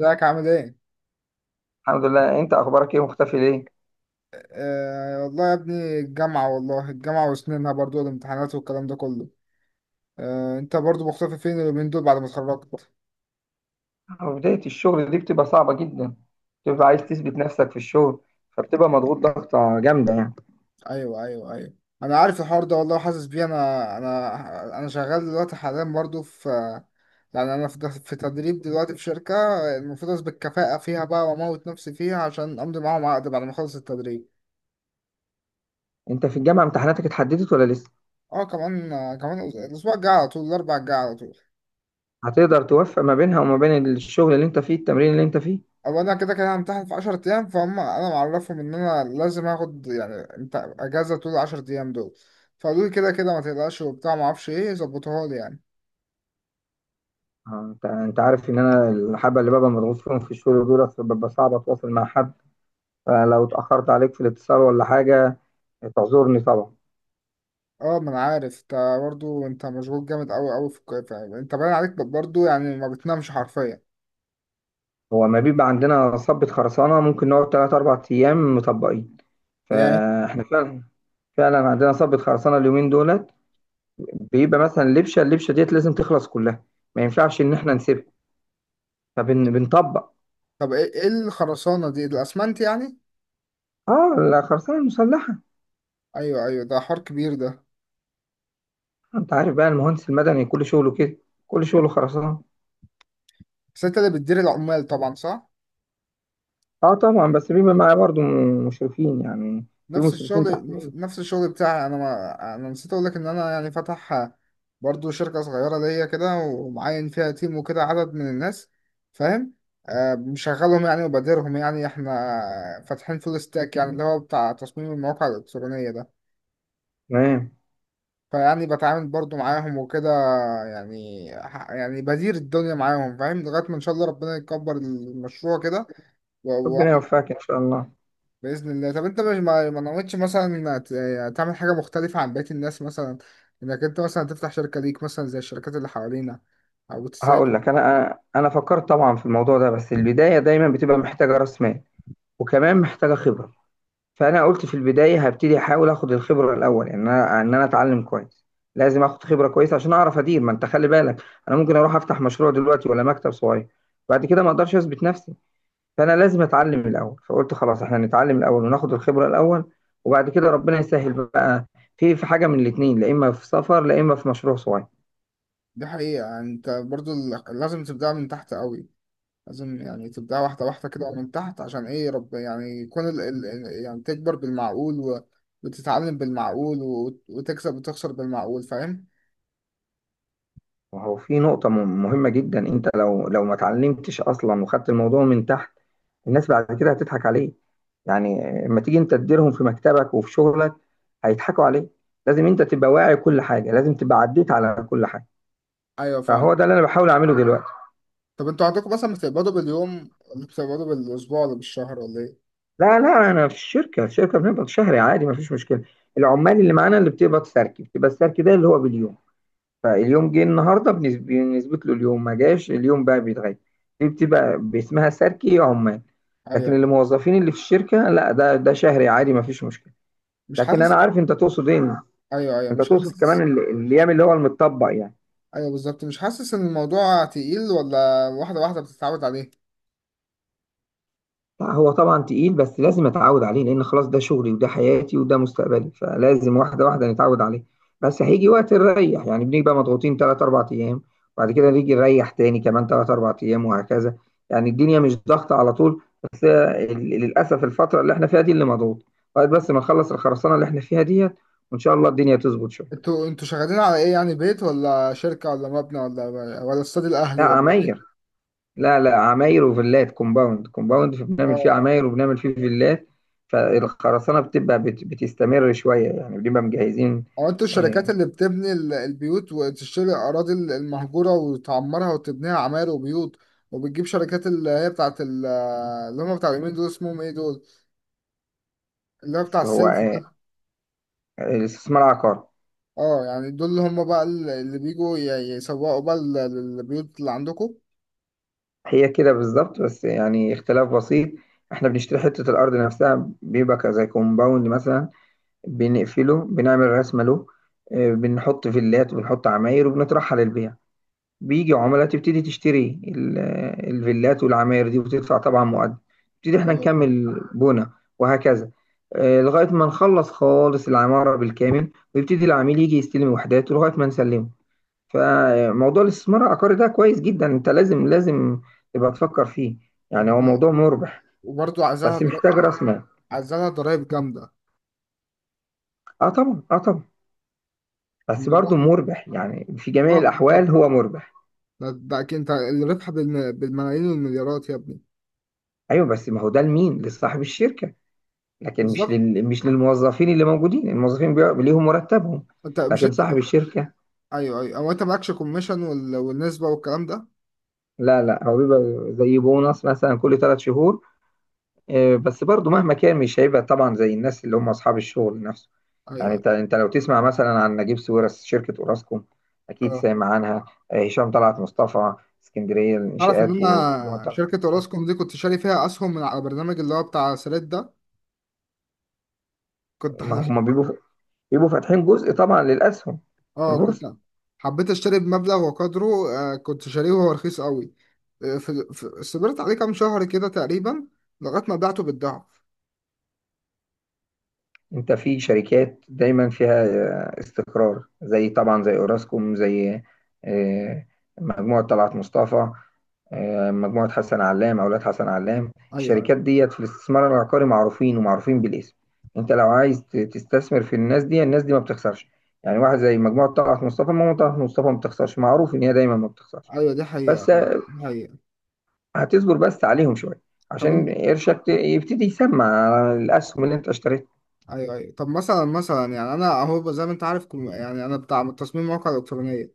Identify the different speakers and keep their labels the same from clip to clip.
Speaker 1: ازيك عامل ايه؟
Speaker 2: الحمد لله، انت اخبارك ايه؟ مختفي ليه؟
Speaker 1: آه والله يا ابني، الجامعة والله، الجامعة وسنينها برضو والامتحانات والكلام ده كله. آه انت برضو مختفي فين اليومين دول بعد ما اتخرجت؟
Speaker 2: بداية الشغل دي بتبقى صعبة جدا. بتبقى عايز تثبت نفسك في الشغل. فبتبقى مضغوط ضغطة جامدة يعني.
Speaker 1: ايوه ايوه ايوه، انا عارف الحوار ده والله وحاسس بيه. انا شغال دلوقتي حاليا برضو في، انا في تدريب دلوقتي في شركة، المفروض اثبت كفاءة فيها بقى واموت نفسي فيها عشان امضي معاهم عقد بعد ما اخلص التدريب.
Speaker 2: انت في الجامعة امتحاناتك اتحددت ولا لسه؟
Speaker 1: اه كمان، كمان الاسبوع الجاي على طول، الاربع الجاي على طول.
Speaker 2: هتقدر توفق ما بينها وما بين الشغل اللي انت فيه، التمرين اللي انت فيه؟
Speaker 1: او انا كده كده همتحن في 10 ايام، فهم انا معرفهم ان انا لازم اخد يعني انت اجازه طول ال 10 ايام دول، فقالوا لي كده كده ما تقلقش وبتاع ما اعرفش ايه، ظبطوها لي يعني.
Speaker 2: اه، انت عارف ان انا الحبة اللي ببقى مضغوط فيهم في الشغل دول، ببقى صعب اتواصل مع حد. فلو اتأخرت عليك في الاتصال ولا حاجة، تعذرني طبعا.
Speaker 1: اه ما انا عارف انت، برضه انت مشغول جامد قوي قوي في الكويت، يعني انت باين عليك برضه يعني ما بتنامش حرفيا.
Speaker 2: هو ما بيبقى عندنا صبة خرسانة ممكن نقعد تلات أربع أيام مطبقين.
Speaker 1: ياه.
Speaker 2: فاحنا فعلا، فعلا عندنا صبة خرسانة اليومين دولت. بيبقى مثلا لبشة، اللبشة ديت لازم تخلص كلها. ما ينفعش إن إحنا نسيبها. فبنطبق.
Speaker 1: طب ايه، إيه الخرسانه دي، الاسمنت يعني؟
Speaker 2: آه، الخرسانة المسلحة.
Speaker 1: ايوه ايوه، ده حوار كبير ده.
Speaker 2: أنت عارف بقى، المهندس المدني كل شغله كده. كل شغله خرسانة.
Speaker 1: بس انت اللي بتدير العمال طبعا، صح؟
Speaker 2: آه طبعا، بس بيبقى معايا برضو مشرفين يعني. في
Speaker 1: نفس
Speaker 2: مشرفين تحت
Speaker 1: الشغل،
Speaker 2: مني.
Speaker 1: نفس الشغل بتاعي انا، ما انا نسيت اقول لك ان انا يعني فاتح برضو شركة صغيرة ليا كده، ومعين فيها تيم وكده، عدد من الناس، فاهم. آه مشغلهم يعني وبديرهم، يعني احنا فاتحين فول ستاك، يعني اللي هو بتاع تصميم المواقع الإلكترونية ده.
Speaker 2: تمام.
Speaker 1: فيعني بتعامل برضو معاهم وكده، يعني بدير الدنيا معاهم فاهم، لغاية ما ان شاء الله ربنا يكبر المشروع كده.
Speaker 2: ربنا يوفقك إن شاء الله.
Speaker 1: بإذن الله. طب انت مش ما نويتش مثلا يعني تعمل حاجة مختلفة عن بقية الناس، مثلا انك انت مثلا تفتح شركة ليك مثلا زي الشركات اللي حوالينا، او تساعد.
Speaker 2: هقول لك، أنا فكرت طبعا في الموضوع ده، بس البداية دايما بتبقى محتاجة رأس مال، وكمان محتاجة خبرة. فانا قلت في البدايه هبتدي احاول اخد الخبره الاول، ان انا اتعلم كويس. لازم اخد خبره كويسه عشان اعرف ادير، ما انت خلي بالك. انا ممكن اروح افتح مشروع دلوقتي ولا مكتب صغير، بعد كده ما اقدرش اثبت نفسي. فانا لازم اتعلم الاول، فقلت خلاص احنا نتعلم الاول وناخد الخبره الاول. وبعد كده ربنا يسهل بقى. في حاجه من الاثنين، لا اما في سفر لا اما في مشروع صغير.
Speaker 1: دي حقيقة، يعني انت برضو لازم تبدأ من تحت قوي، لازم يعني تبدأ واحدة واحدة كده من تحت، عشان ايه رب يعني يكون يعني تكبر بالمعقول و... وتتعلم بالمعقول و... وتكسب وتخسر بالمعقول، فاهم؟
Speaker 2: وهو في نقطة مهمة جدا، انت لو ما اتعلمتش اصلا وخدت الموضوع من تحت، الناس بعد كده هتضحك عليك. يعني، لما تيجي انت تديرهم في مكتبك وفي شغلك، هيضحكوا عليك. لازم انت تبقى واعي كل حاجة، لازم تبقى عديت على كل حاجة.
Speaker 1: ايوه فاهم.
Speaker 2: فهو ده اللي انا بحاول اعمله دلوقتي.
Speaker 1: طب انتوا عندكم مثلا بتقبضوا باليوم ولا بتقبضوا بالاسبوع ولا بالشهر ولا ايه؟
Speaker 2: لا لا، انا في الشركة، الشركة بنقبض شهري عادي، ما فيش مشكلة. العمال اللي معانا اللي بتقبض سركي، بتبقى السركي ده اللي هو باليوم. فاليوم جه النهارده بنثبت له اليوم، ما جاش اليوم بقى بيتغير. دي بتبقى باسمها سركي عمال. لكن
Speaker 1: ايوه.
Speaker 2: اللي موظفين اللي في الشركه، لا، ده شهري عادي، ما فيش مشكله.
Speaker 1: مش
Speaker 2: لكن
Speaker 1: حاسس.
Speaker 2: انا عارف انت تقصد ايه.
Speaker 1: ايوه ايوه،
Speaker 2: انت
Speaker 1: مش
Speaker 2: تقصد كمان
Speaker 1: حاسس.
Speaker 2: الايام اللي هو المتطبق يعني.
Speaker 1: ايوه بالظبط، مش حاسس ان الموضوع تقيل، ولا واحده واحده بتتعود عليه؟
Speaker 2: لا هو طبعا تقيل، بس لازم اتعود عليه، لان خلاص ده شغلي وده حياتي وده مستقبلي، فلازم واحده واحده نتعود عليه. بس هيجي وقت نريح، يعني بنبقى مضغوطين 3 4 ايام، وبعد كده نيجي نريح تاني كمان 3 4 ايام، وهكذا. يعني الدنيا مش ضغطه على طول، بس للاسف الفتره اللي احنا فيها دي اللي مضغوط. لغايه بس ما نخلص الخرسانه اللي احنا فيها ديت، وان شاء الله الدنيا تظبط شويه.
Speaker 1: انتوا شغالين على ايه، يعني بيت ولا شركه ولا مبنى ولا، ولا استاد الاهلي
Speaker 2: لا،
Speaker 1: ولا
Speaker 2: عماير.
Speaker 1: ايه؟
Speaker 2: لا لا، عماير وفيلات، كومباوند، كومباوند بنعمل فيه
Speaker 1: اه.
Speaker 2: عماير وبنعمل فيه فيلات. فالخرسانة بتبقى بتستمر شوية، يعني بنبقى مجهزين.
Speaker 1: اه انتوا الشركات
Speaker 2: آه،
Speaker 1: اللي بتبني البيوت وتشتري الاراضي المهجوره وتعمرها وتبنيها عماير وبيوت، وبتجيب شركات اللي هي اللي هم بتاع اليمين دول، اسمهم ايه دول، اللي هو بتاع
Speaker 2: بس هو
Speaker 1: السيلف ده.
Speaker 2: الاستثمار عقار.
Speaker 1: اه يعني دول اللي هم بقى اللي بيجوا يسوقوا بقى البيوت اللي عندكم.
Speaker 2: هي كده بالظبط، بس يعني اختلاف بسيط. احنا بنشتري حتة الأرض نفسها، بيبقى زي كومباوند مثلا. بنقفله، بنعمل رسمة له. بنحط فيلات وبنحط عماير وبنطرحها للبيع. بيجي عملاء تبتدي تشتري الفيلات والعماير دي وتدفع طبعا مقدم. نبتدي احنا
Speaker 1: ايوه فاهم.
Speaker 2: نكمل بنا. وهكذا. لغاية ما نخلص خالص العمارة بالكامل، ويبتدي العميل يجي يستلم وحداته لغاية ما نسلمه. فموضوع الاستثمار العقاري ده كويس جدا، انت لازم لازم تبقى تفكر فيه. يعني هو موضوع مربح.
Speaker 1: وبرضه
Speaker 2: بس
Speaker 1: عايزاها،
Speaker 2: محتاج راس مال.
Speaker 1: عايزالها ضرايب جامدة
Speaker 2: اه طبعا، اه طبعا. بس
Speaker 1: الموضوع.
Speaker 2: برضه مربح، يعني في
Speaker 1: اه
Speaker 2: جميع
Speaker 1: آه، طب
Speaker 2: الأحوال هو مربح.
Speaker 1: ده ده أكيد أنت الربح بالملايين والمليارات يا ابني.
Speaker 2: ايوه، بس ما هو ده لمين؟ لصاحب الشركة. لكن مش
Speaker 1: بالظبط.
Speaker 2: مش للموظفين اللي موجودين، الموظفين ليهم مرتبهم.
Speaker 1: أنت مش
Speaker 2: لكن صاحب
Speaker 1: أنت،
Speaker 2: الشركة.
Speaker 1: أيوه أيوه، هو أنت معكش كوميشن والنسبة والكلام ده؟
Speaker 2: لا لا، هو بيبقى زي بونص مثلا كل 3 شهور. بس برضو مهما كان مش هيبقى طبعا زي الناس اللي هم أصحاب الشغل نفسه.
Speaker 1: أيوه
Speaker 2: يعني،
Speaker 1: أيوه.
Speaker 2: انت لو تسمع مثلا عن نجيب ساويرس، شركة اوراسكوم، اكيد
Speaker 1: أه
Speaker 2: سامع عنها. هشام طلعت مصطفى، اسكندرية
Speaker 1: أعرف إن
Speaker 2: الانشاءات و
Speaker 1: أنا شركة أوراسكوم دي كنت شاري فيها أسهم، من على برنامج اللي هو بتاع سريت ده، كنت ح-
Speaker 2: ما هم بيبقوا فاتحين جزء طبعا للأسهم في
Speaker 1: أه كنت
Speaker 2: البورصة.
Speaker 1: حبيت أشتري بمبلغ وقدره. آه كنت شاريه وهو رخيص قوي، آه، صبرت عليه كام شهر كده تقريبا، لغاية ما بعته بالضعف.
Speaker 2: انت في شركات دايما فيها استقرار، زي طبعا زي اوراسكوم، زي آه، مجموعة طلعت مصطفى، مجموعة حسن علام، اولاد حسن علام،
Speaker 1: أيوه أيوه.
Speaker 2: الشركات ديت في الاستثمار العقاري معروفين ومعروفين بالاسم. انت لو عايز تستثمر في الناس دي، الناس دي ما بتخسرش. يعني واحد زي مجموعة طلعت مصطفى، مجموعة طلعت مصطفى ما بتخسرش، معروف ان هي دايما ما بتخسرش.
Speaker 1: أيوة، دي حقيقة
Speaker 2: بس
Speaker 1: دي، حقيقة.
Speaker 2: هتصبر بس عليهم شوية،
Speaker 1: طب
Speaker 2: عشان
Speaker 1: انت،
Speaker 2: قرشك يبتدي يسمع على الاسهم اللي انت اشتريتها.
Speaker 1: ايوه ايوه، طب مثلا مثلا، يعني انا اهو زي ما انت عارف، يعني انا بتاع تصميم مواقع الكترونيه،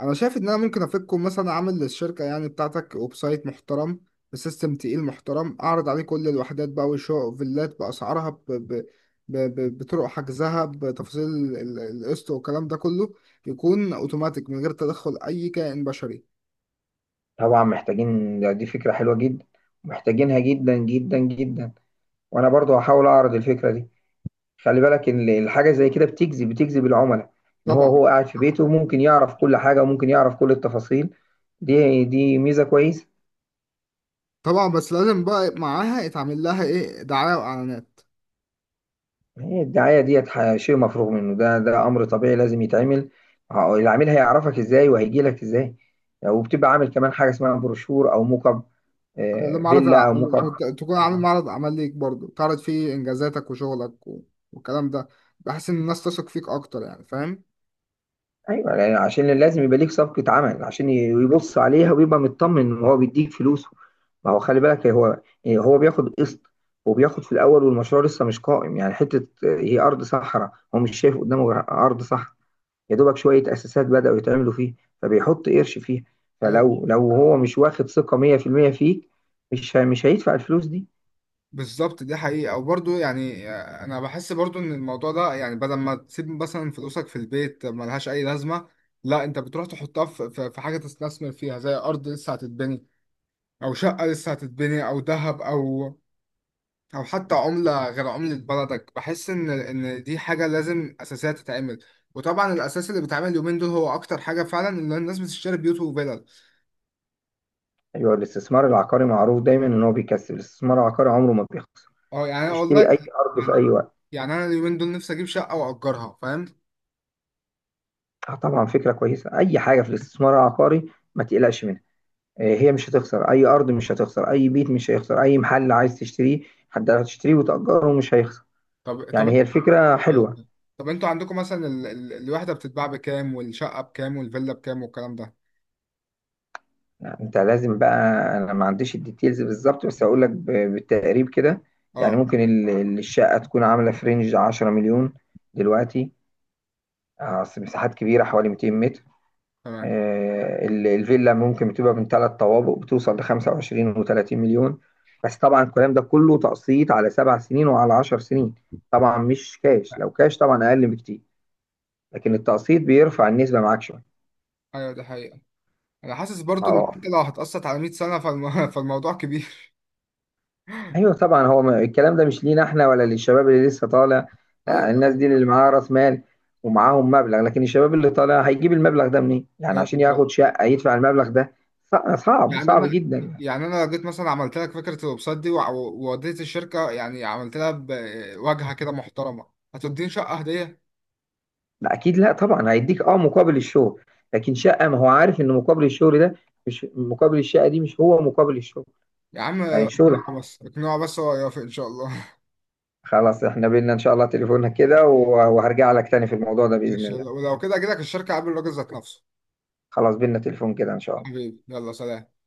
Speaker 1: انا شايف ان انا ممكن افككم مثلا، اعمل للشركه يعني بتاعتك ويب سايت محترم، بسيستم تقيل محترم، اعرض عليه كل الوحدات بقى، وشقق، فيلات، باسعارها بطرق حجزها، بتفاصيل القسط والكلام ده كله، يكون اوتوماتيك من غير تدخل اي كائن بشري.
Speaker 2: طبعا محتاجين، دي فكرة حلوة جدا. محتاجينها جدا جدا جدا. وانا برضو هحاول اعرض الفكرة دي. خلي بالك ان الحاجة زي كده بتجذب العملاء. ان هو
Speaker 1: طبعا.
Speaker 2: هو قاعد في بيته، ممكن يعرف كل حاجة وممكن يعرف كل التفاصيل. دي ميزة كويسة.
Speaker 1: طبعا بس لازم بقى معاها يتعمل لها ايه، دعايه واعلانات.
Speaker 2: هي الدعاية ديت شيء مفروغ منه، ده امر طبيعي لازم يتعمل. العميل هيعرفك ازاي وهيجي لك ازاي؟ وبتبقى عامل كمان حاجة اسمها بروشور او موك اب،
Speaker 1: لما عرض،
Speaker 2: فيلا او موك اب.
Speaker 1: تكون عامل معرض عمل ليك برضه، تعرض فيه انجازاتك وشغلك والكلام ده، بحس ان الناس تثق فيك اكتر يعني، فاهم.
Speaker 2: ايوه، يعني عشان لازم يبقى ليك صفقه عمل عشان يبص عليها ويبقى مطمن وهو بيديك فلوسه. ما هو خلي بالك، هو يعني هو بياخد قسط، وبياخد في الاول والمشروع لسه مش قائم، يعني حته هي ارض صحراء، هو مش شايف قدامه غير ارض صحراء. يا دوبك شويه اساسات بداوا يتعملوا فيه. فبيحط قرش فيها.
Speaker 1: ايوه
Speaker 2: فلو هو مش واخد ثقه 100% فيك، مش هيدفع الفلوس دي.
Speaker 1: بالظبط، دي حقيقة. وبرضه يعني آه، أنا بحس برضه إن الموضوع ده يعني بدل ما تسيب مثلا فلوسك في البيت ملهاش أي لازمة، لا أنت بتروح تحطها في في حاجة تستثمر فيها، زي أرض لسه هتتبني، أو شقة لسه هتتبني، أو ذهب، أو او حتى عملة غير عملة بلدك، بحس ان دي حاجة لازم اساسية تتعمل. وطبعا الاساس اللي بيتعمل اليومين دول هو اكتر حاجة فعلا، ان الناس بتشتري بيوت وفلل.
Speaker 2: ايوه، الاستثمار العقاري معروف دايما ان هو بيكسب، الاستثمار العقاري عمره ما بيخسر.
Speaker 1: اه يعني أنا والله،
Speaker 2: اشتري اي ارض في
Speaker 1: يعني،
Speaker 2: اي وقت.
Speaker 1: يعني انا اليومين دول نفسي اجيب شقة واجرها، فاهم.
Speaker 2: اه طبعا، فكرة كويسة. أي حاجة في الاستثمار العقاري ما تقلقش منها. هي مش هتخسر أي أرض، مش هتخسر أي بيت، مش هيخسر أي محل عايز تشتريه. حد هتشتريه وتأجره مش هيخسر.
Speaker 1: طب طب
Speaker 2: يعني هي
Speaker 1: انت،
Speaker 2: الفكرة حلوة.
Speaker 1: طب انتوا عندكم مثلا الوحدة بتتباع بكام، والشقة بكام، والفيلا بكام، والكلام ده؟
Speaker 2: يعني أنت لازم بقى، أنا ما عنديش الديتيلز بالظبط، بس هقول لك بالتقريب كده. يعني
Speaker 1: اه.
Speaker 2: ممكن الشقة تكون عاملة في رينج 10 مليون دلوقتي. أصل مساحات كبيرة، حوالي 200 متر.
Speaker 1: تمام.
Speaker 2: الفيلا ممكن بتبقى من ثلاث طوابق، بتوصل ل 25 و30 مليون. بس طبعا الكلام ده كله تقسيط على 7 سنين وعلى 10 سنين. طبعا مش كاش، لو كاش طبعا اقل بكتير. لكن التقسيط بيرفع النسبه معاك شويه.
Speaker 1: ايوه دي حقيقة. انا حاسس برضو
Speaker 2: مع
Speaker 1: ان
Speaker 2: بعض.
Speaker 1: انت لو هتقسط على 100 سنة فالموضوع كبير.
Speaker 2: ايوه طبعا، هو الكلام ده مش لينا احنا ولا للشباب اللي لسه طالع. لا،
Speaker 1: ايوه
Speaker 2: الناس دي اللي معاها راس مال، ومعاهم مبلغ، لكن الشباب اللي طالع هيجيب المبلغ ده منين؟ يعني
Speaker 1: ايوه
Speaker 2: عشان
Speaker 1: بالظبط.
Speaker 2: ياخد شقه يدفع المبلغ ده. صعب
Speaker 1: يعني
Speaker 2: صعب
Speaker 1: انا،
Speaker 2: جدا.
Speaker 1: يعني انا لو جيت مثلا عملت لك فكره الويب سايت دي ووديت الشركه، يعني عملت لها بواجهه كده محترمه، هتديني شقه هديه.
Speaker 2: لا اكيد، لا طبعا هيديك مقابل الشغل. لكن شقه، ما هو عارف ان مقابل الشغل ده مش مقابل الشقه، دي مش هو مقابل الشغل.
Speaker 1: يا عم
Speaker 2: يعني الشغل.
Speaker 1: اقنعه بس، اقنعه بس هو يوافق ان شاء الله.
Speaker 2: خلاص احنا بينا، ان شاء الله تليفوننا كده، وهرجع لك تاني في الموضوع ده باذن
Speaker 1: ماشي،
Speaker 2: الله.
Speaker 1: ولو كده اجي لك الشركه قبل الراجل ذات نفسه.
Speaker 2: خلاص بينا تليفون كده ان شاء الله.
Speaker 1: حبيبي يلا سلام.